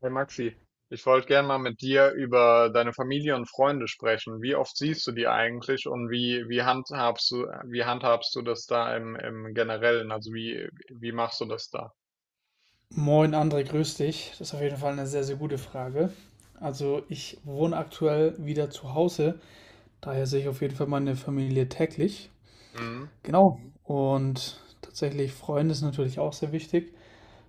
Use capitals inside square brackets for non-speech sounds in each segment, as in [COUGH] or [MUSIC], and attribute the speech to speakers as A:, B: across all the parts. A: Hey Maxi, ich wollte gerne mal mit dir über deine Familie und Freunde sprechen. Wie oft siehst du die eigentlich und wie handhabst du das da im Generellen? Also wie machst du das da?
B: Moin André, grüß dich. Das ist auf jeden Fall eine sehr, sehr gute Frage. Also ich wohne aktuell wieder zu Hause, daher sehe ich auf jeden Fall meine Familie täglich.
A: Mhm.
B: Genau. Und tatsächlich Freunde ist natürlich auch sehr wichtig.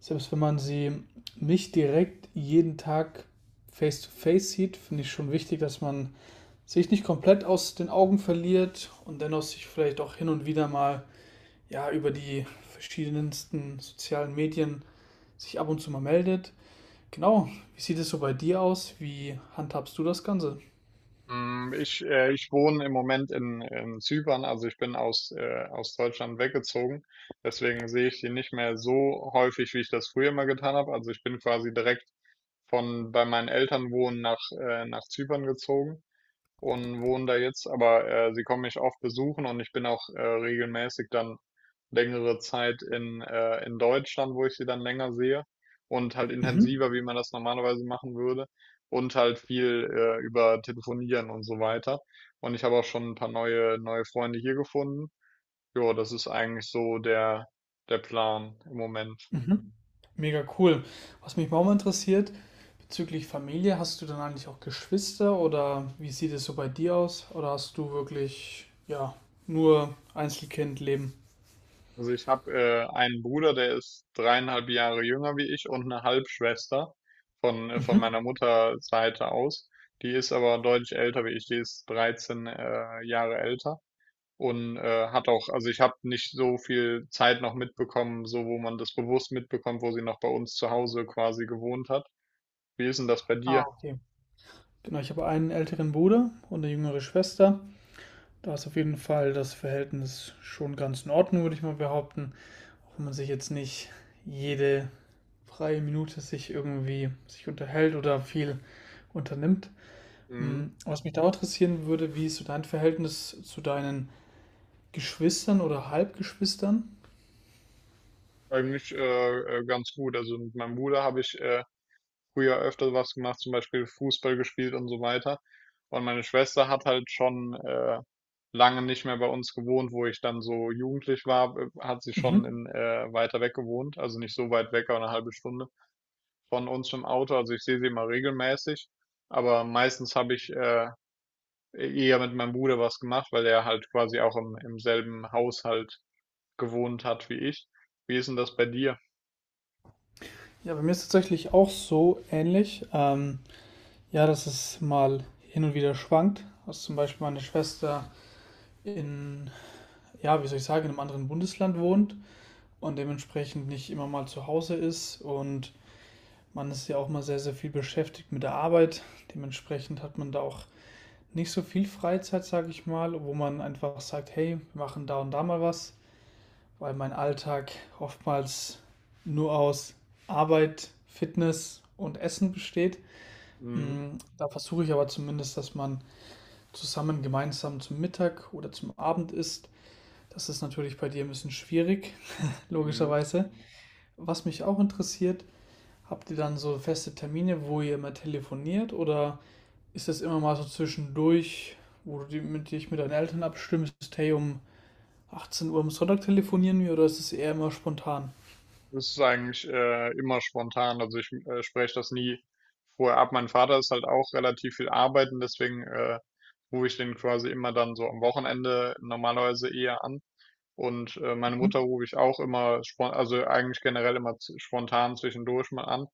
B: Selbst wenn man sie nicht direkt jeden Tag face-to-face sieht, finde ich schon wichtig, dass man sich nicht komplett aus den Augen verliert und dennoch sich vielleicht auch hin und wieder mal ja über die verschiedensten sozialen Medien sich ab und zu mal meldet. Genau. Wie sieht es so bei dir aus? Wie handhabst du das Ganze?
A: Ich wohne im Moment in Zypern, also ich bin aus Deutschland weggezogen. Deswegen sehe ich die nicht mehr so häufig, wie ich das früher mal getan habe. Also ich bin quasi direkt von bei meinen Eltern wohnen nach Zypern gezogen und wohne da jetzt, aber sie kommen mich oft besuchen und ich bin auch regelmäßig dann längere Zeit in Deutschland, wo ich sie dann länger sehe und halt
B: Mhm.
A: intensiver, wie man das normalerweise machen würde, und halt viel über Telefonieren und so weiter. Und ich habe auch schon ein paar neue Freunde hier gefunden. Ja, das ist eigentlich so der Plan im Moment.
B: Mhm. Mega cool. Was mich auch mal interessiert, bezüglich Familie, hast du dann eigentlich auch Geschwister oder wie sieht es so bei dir aus? Oder hast du wirklich, ja, nur Einzelkindleben?
A: Also ich habe einen Bruder, der ist dreieinhalb Jahre jünger wie ich, und eine Halbschwester von
B: Mhm.
A: meiner Mutterseite aus. Die ist aber deutlich älter wie ich, die ist 13 Jahre älter und hat auch, also ich habe nicht so viel Zeit noch mitbekommen, so wo man das bewusst mitbekommt, wo sie noch bei uns zu Hause quasi gewohnt hat. Wie ist denn das bei
B: Ah,
A: dir?
B: okay. Genau, ich habe einen älteren Bruder und eine jüngere Schwester. Da ist auf jeden Fall das Verhältnis schon ganz in Ordnung, würde ich mal behaupten. Auch wenn man sich jetzt nicht jede freie Minute sich irgendwie sich unterhält oder viel unternimmt.
A: Mhm.
B: Was mich da interessieren würde, wie ist so dein Verhältnis zu deinen Geschwistern oder Halbgeschwistern?
A: Eigentlich Ganz gut. Also mit meinem Bruder habe ich früher öfter was gemacht, zum Beispiel Fußball gespielt und so weiter. Und meine Schwester hat halt schon lange nicht mehr bei uns gewohnt, wo ich dann so jugendlich war, hat sie schon
B: Mhm.
A: weiter weg gewohnt, also nicht so weit weg, aber eine halbe Stunde von uns im Auto. Also ich sehe sie immer regelmäßig, aber meistens habe ich eher mit meinem Bruder was gemacht, weil er halt quasi auch im selben Haushalt gewohnt hat wie ich. Wie ist denn das bei dir?
B: Ja, bei mir ist es tatsächlich auch so ähnlich. Ja, dass es mal hin und wieder schwankt. Dass zum Beispiel meine Schwester in, ja, wie soll ich sagen, in einem anderen Bundesland wohnt und dementsprechend nicht immer mal zu Hause ist. Und man ist ja auch mal sehr, sehr viel beschäftigt mit der Arbeit. Dementsprechend hat man da auch nicht so viel Freizeit, sage ich mal, wo man einfach sagt, hey, wir machen da und da mal was, weil mein Alltag oftmals nur aus Arbeit, Fitness und Essen besteht. Da versuche ich aber zumindest, dass man zusammen gemeinsam zum Mittag oder zum Abend isst. Das ist natürlich bei dir ein bisschen schwierig, [LAUGHS]
A: Mhm.
B: logischerweise. Was mich auch interessiert, habt ihr dann so feste Termine, wo ihr immer telefoniert oder ist das immer mal so zwischendurch, wo du dich mit deinen Eltern abstimmst, hey, um 18 Uhr am Sonntag telefonieren wir oder ist es eher immer spontan?
A: Das ist eigentlich immer spontan. Also ich spreche das nie vorher ab. Mein Vater ist halt auch relativ viel arbeiten, deswegen rufe ich den quasi immer dann so am Wochenende normalerweise eher an. Und meine
B: Mhm.
A: Mutter rufe ich auch immer spon also eigentlich generell immer spontan zwischendurch mal an.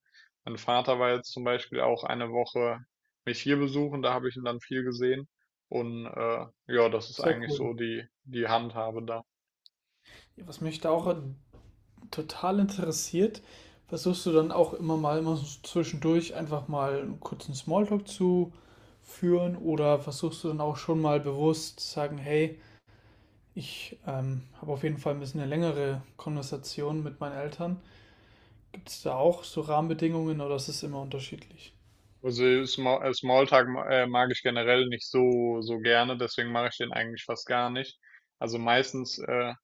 A: Mein Vater war jetzt zum Beispiel auch eine Woche mich hier besuchen, da habe ich ihn dann viel gesehen. Und ja, das ist
B: Sehr
A: eigentlich
B: cool.
A: so die Handhabe da.
B: Ja, was mich da auch total interessiert, versuchst du dann auch immer mal immer so zwischendurch einfach mal einen kurzen Smalltalk zu führen oder versuchst du dann auch schon mal bewusst zu sagen, hey, ich habe auf jeden Fall ein bisschen eine längere Konversation mit meinen Eltern. Gibt es da auch so Rahmenbedingungen oder ist es immer unterschiedlich?
A: Smalltalk mag ich generell nicht so gerne, deswegen mache ich den eigentlich fast gar nicht. Also meistens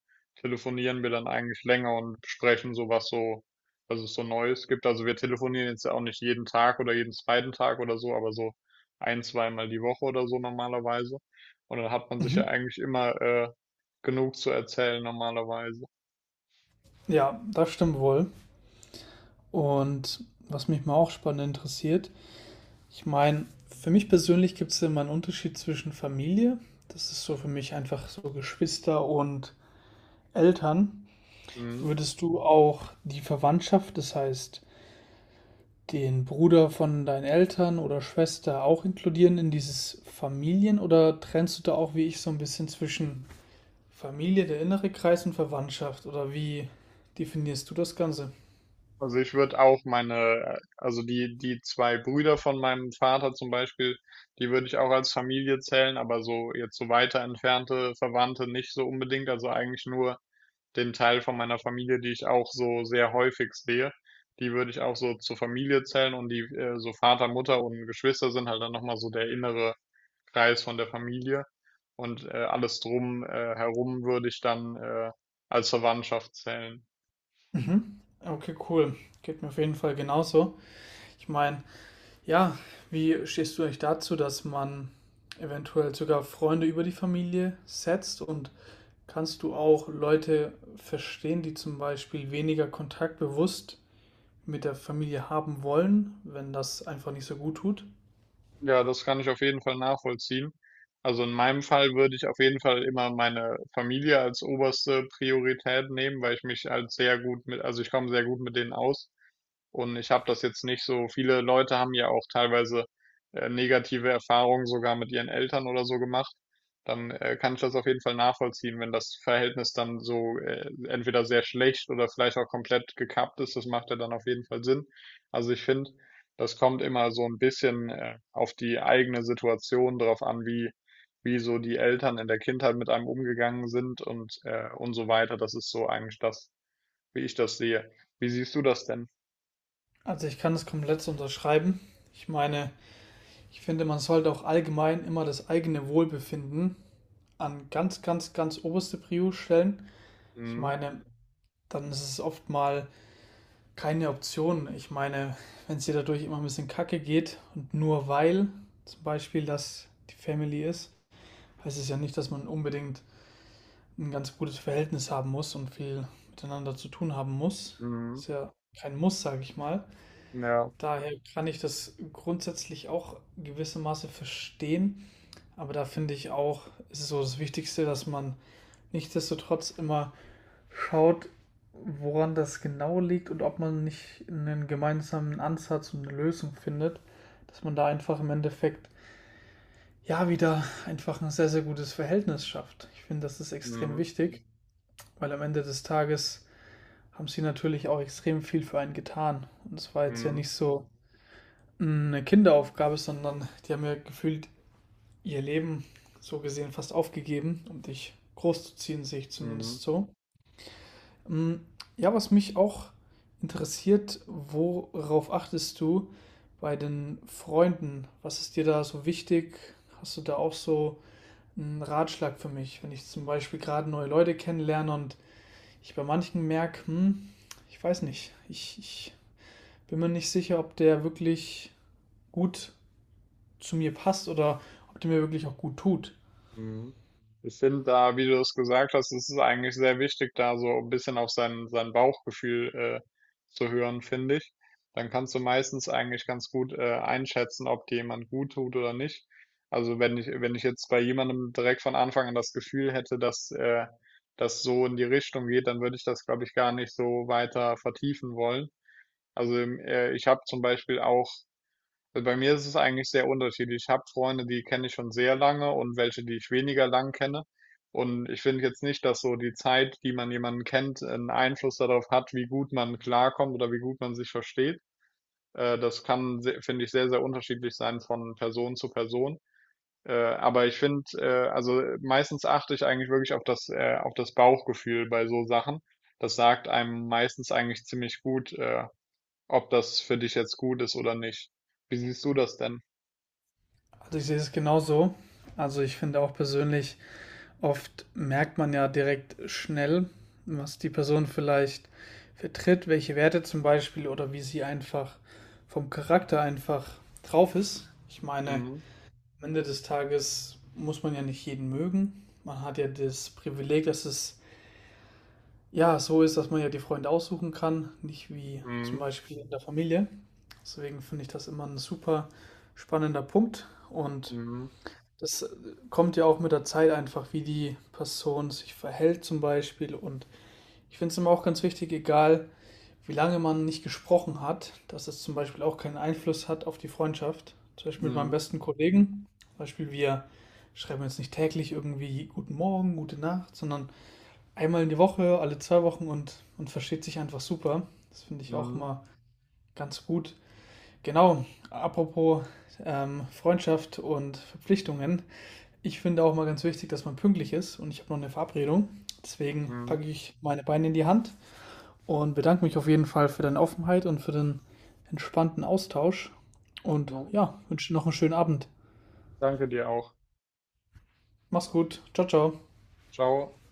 A: telefonieren wir dann eigentlich länger und besprechen so, was es so Neues gibt. Also wir telefonieren jetzt auch nicht jeden Tag oder jeden zweiten Tag oder so, aber so ein, zweimal die Woche oder so normalerweise. Und dann hat man sich
B: Mhm.
A: ja eigentlich immer genug zu erzählen normalerweise.
B: Ja, das stimmt wohl. Und was mich mal auch spannend interessiert, ich meine, für mich persönlich gibt es immer einen Unterschied zwischen Familie, das ist so für mich einfach so Geschwister und Eltern.
A: Mhm.
B: Würdest du auch die Verwandtschaft, das heißt den Bruder von deinen Eltern oder Schwester auch inkludieren in dieses Familien oder trennst du da auch wie ich so ein bisschen zwischen Familie, der innere Kreis und Verwandtschaft oder wie definierst du das Ganze?
A: Also ich würde auch meine, also die, die zwei Brüder von meinem Vater zum Beispiel, die würde ich auch als Familie zählen, aber so jetzt so weiter entfernte Verwandte nicht so unbedingt. Also eigentlich nur den Teil von meiner Familie, die ich auch so sehr häufig sehe, die würde ich auch so zur Familie zählen, und die so Vater, Mutter und Geschwister sind halt dann nochmal so der innere Kreis von der Familie, und alles drum herum würde ich dann als Verwandtschaft zählen.
B: Mhm. Okay, cool. Geht mir auf jeden Fall genauso. Ich meine, ja, wie stehst du eigentlich dazu, dass man eventuell sogar Freunde über die Familie setzt? Und kannst du auch Leute verstehen, die zum Beispiel weniger Kontakt bewusst mit der Familie haben wollen, wenn das einfach nicht so gut tut?
A: Ja, das kann ich auf jeden Fall nachvollziehen. Also in meinem Fall würde ich auf jeden Fall immer meine Familie als oberste Priorität nehmen, weil ich mich als sehr gut mit, also ich komme sehr gut mit denen aus. Und ich habe das jetzt nicht so, viele Leute haben ja auch teilweise negative Erfahrungen sogar mit ihren Eltern oder so gemacht. Dann kann ich das auf jeden Fall nachvollziehen, wenn das Verhältnis dann so entweder sehr schlecht oder vielleicht auch komplett gekappt ist. Das macht ja dann auf jeden Fall Sinn. Also ich finde, das kommt immer so ein bisschen auf die eigene Situation drauf an, wie so die Eltern in der Kindheit mit einem umgegangen sind und so weiter. Das ist so eigentlich das, wie ich das sehe. Wie siehst du das denn?
B: Also ich kann das komplett so unterschreiben. Ich meine, ich finde, man sollte auch allgemein immer das eigene Wohlbefinden an ganz, ganz, ganz oberste Prio stellen. Ich
A: Mhm.
B: meine, dann ist es oft mal keine Option. Ich meine, wenn es dir dadurch immer ein bisschen kacke geht und nur weil zum Beispiel das die Family ist, heißt es ja nicht, dass man unbedingt ein ganz gutes Verhältnis haben muss und viel miteinander zu tun haben muss.
A: Mhm.
B: Ist ja kein Muss, sage ich mal.
A: Ja.
B: Daher kann ich das grundsätzlich auch gewissermaßen verstehen. Aber da finde ich auch, ist es so das Wichtigste, dass man nichtsdestotrotz immer schaut, woran das genau liegt und ob man nicht einen gemeinsamen Ansatz und eine Lösung findet, dass man da einfach im Endeffekt ja wieder einfach ein sehr, sehr gutes Verhältnis schafft. Ich finde, das ist extrem
A: Mhm.
B: wichtig, weil am Ende des Tages haben sie natürlich auch extrem viel für einen getan. Und es war jetzt ja
A: Mhm.
B: nicht so eine Kinderaufgabe, sondern die haben ja gefühlt ihr Leben so gesehen fast aufgegeben, um dich großzuziehen, sehe ich
A: Mhm.
B: zumindest so. Mm, Ja, was mich auch interessiert, worauf achtest du bei den Freunden? Was ist dir da so wichtig? Hast du da auch so einen Ratschlag für mich, wenn ich zum Beispiel gerade neue Leute kennenlerne und ich bei manchen merke, ich weiß nicht, ich bin mir nicht sicher, ob der wirklich gut zu mir passt oder ob der mir wirklich auch gut tut.
A: Mhm. Ich finde da, wie du es gesagt hast, es ist eigentlich sehr wichtig, da so ein bisschen auf sein Bauchgefühl zu hören, finde ich. Dann kannst du meistens eigentlich ganz gut einschätzen, ob dir jemand gut tut oder nicht. Also wenn ich jetzt bei jemandem direkt von Anfang an das Gefühl hätte, dass das so in die Richtung geht, dann würde ich das, glaube ich, gar nicht so weiter vertiefen wollen. Also ich habe zum Beispiel auch Bei mir ist es eigentlich sehr unterschiedlich. Ich habe Freunde, die kenne ich schon sehr lange, und welche, die ich weniger lang kenne. Und ich finde jetzt nicht, dass so die Zeit, die man jemanden kennt, einen Einfluss darauf hat, wie gut man klarkommt oder wie gut man sich versteht. Das kann, finde ich, sehr unterschiedlich sein von Person zu Person. Aber ich finde, meistens achte ich eigentlich wirklich auf auf das Bauchgefühl bei so Sachen. Das sagt einem meistens eigentlich ziemlich gut, ob das für dich jetzt gut ist oder nicht. Wie siehst du das denn?
B: Also ich sehe es genauso. Also ich finde auch persönlich, oft merkt man ja direkt schnell, was die Person vielleicht vertritt, welche Werte zum Beispiel oder wie sie einfach vom Charakter einfach drauf ist. Ich meine,
A: Mhm.
B: am Ende des Tages muss man ja nicht jeden mögen. Man hat ja das Privileg, dass es ja so ist, dass man ja die Freunde aussuchen kann, nicht wie zum
A: Mhm.
B: Beispiel in der Familie. Deswegen finde ich das immer ein super spannender Punkt und
A: Mhm.
B: das kommt ja auch mit der Zeit einfach, wie die Person sich verhält zum Beispiel. Und ich finde es immer auch ganz wichtig, egal wie lange man nicht gesprochen hat, dass es zum Beispiel auch keinen Einfluss hat auf die Freundschaft. Zum Beispiel mit meinem
A: Mhm.
B: besten Kollegen. Zum Beispiel wir schreiben jetzt nicht täglich irgendwie guten Morgen, gute Nacht, sondern einmal in die Woche, alle 2 Wochen und man versteht sich einfach super. Das finde ich auch
A: Mhm.
B: immer ganz gut. Genau, apropos Freundschaft und Verpflichtungen. Ich finde auch mal ganz wichtig, dass man pünktlich ist und ich habe noch eine Verabredung. Deswegen packe
A: Mhm.
B: ich meine Beine in die Hand und bedanke mich auf jeden Fall für deine Offenheit und für den entspannten Austausch. Und
A: Jo,
B: ja, wünsche dir noch einen schönen Abend.
A: danke dir auch.
B: Mach's gut. Ciao, ciao.
A: Ciao.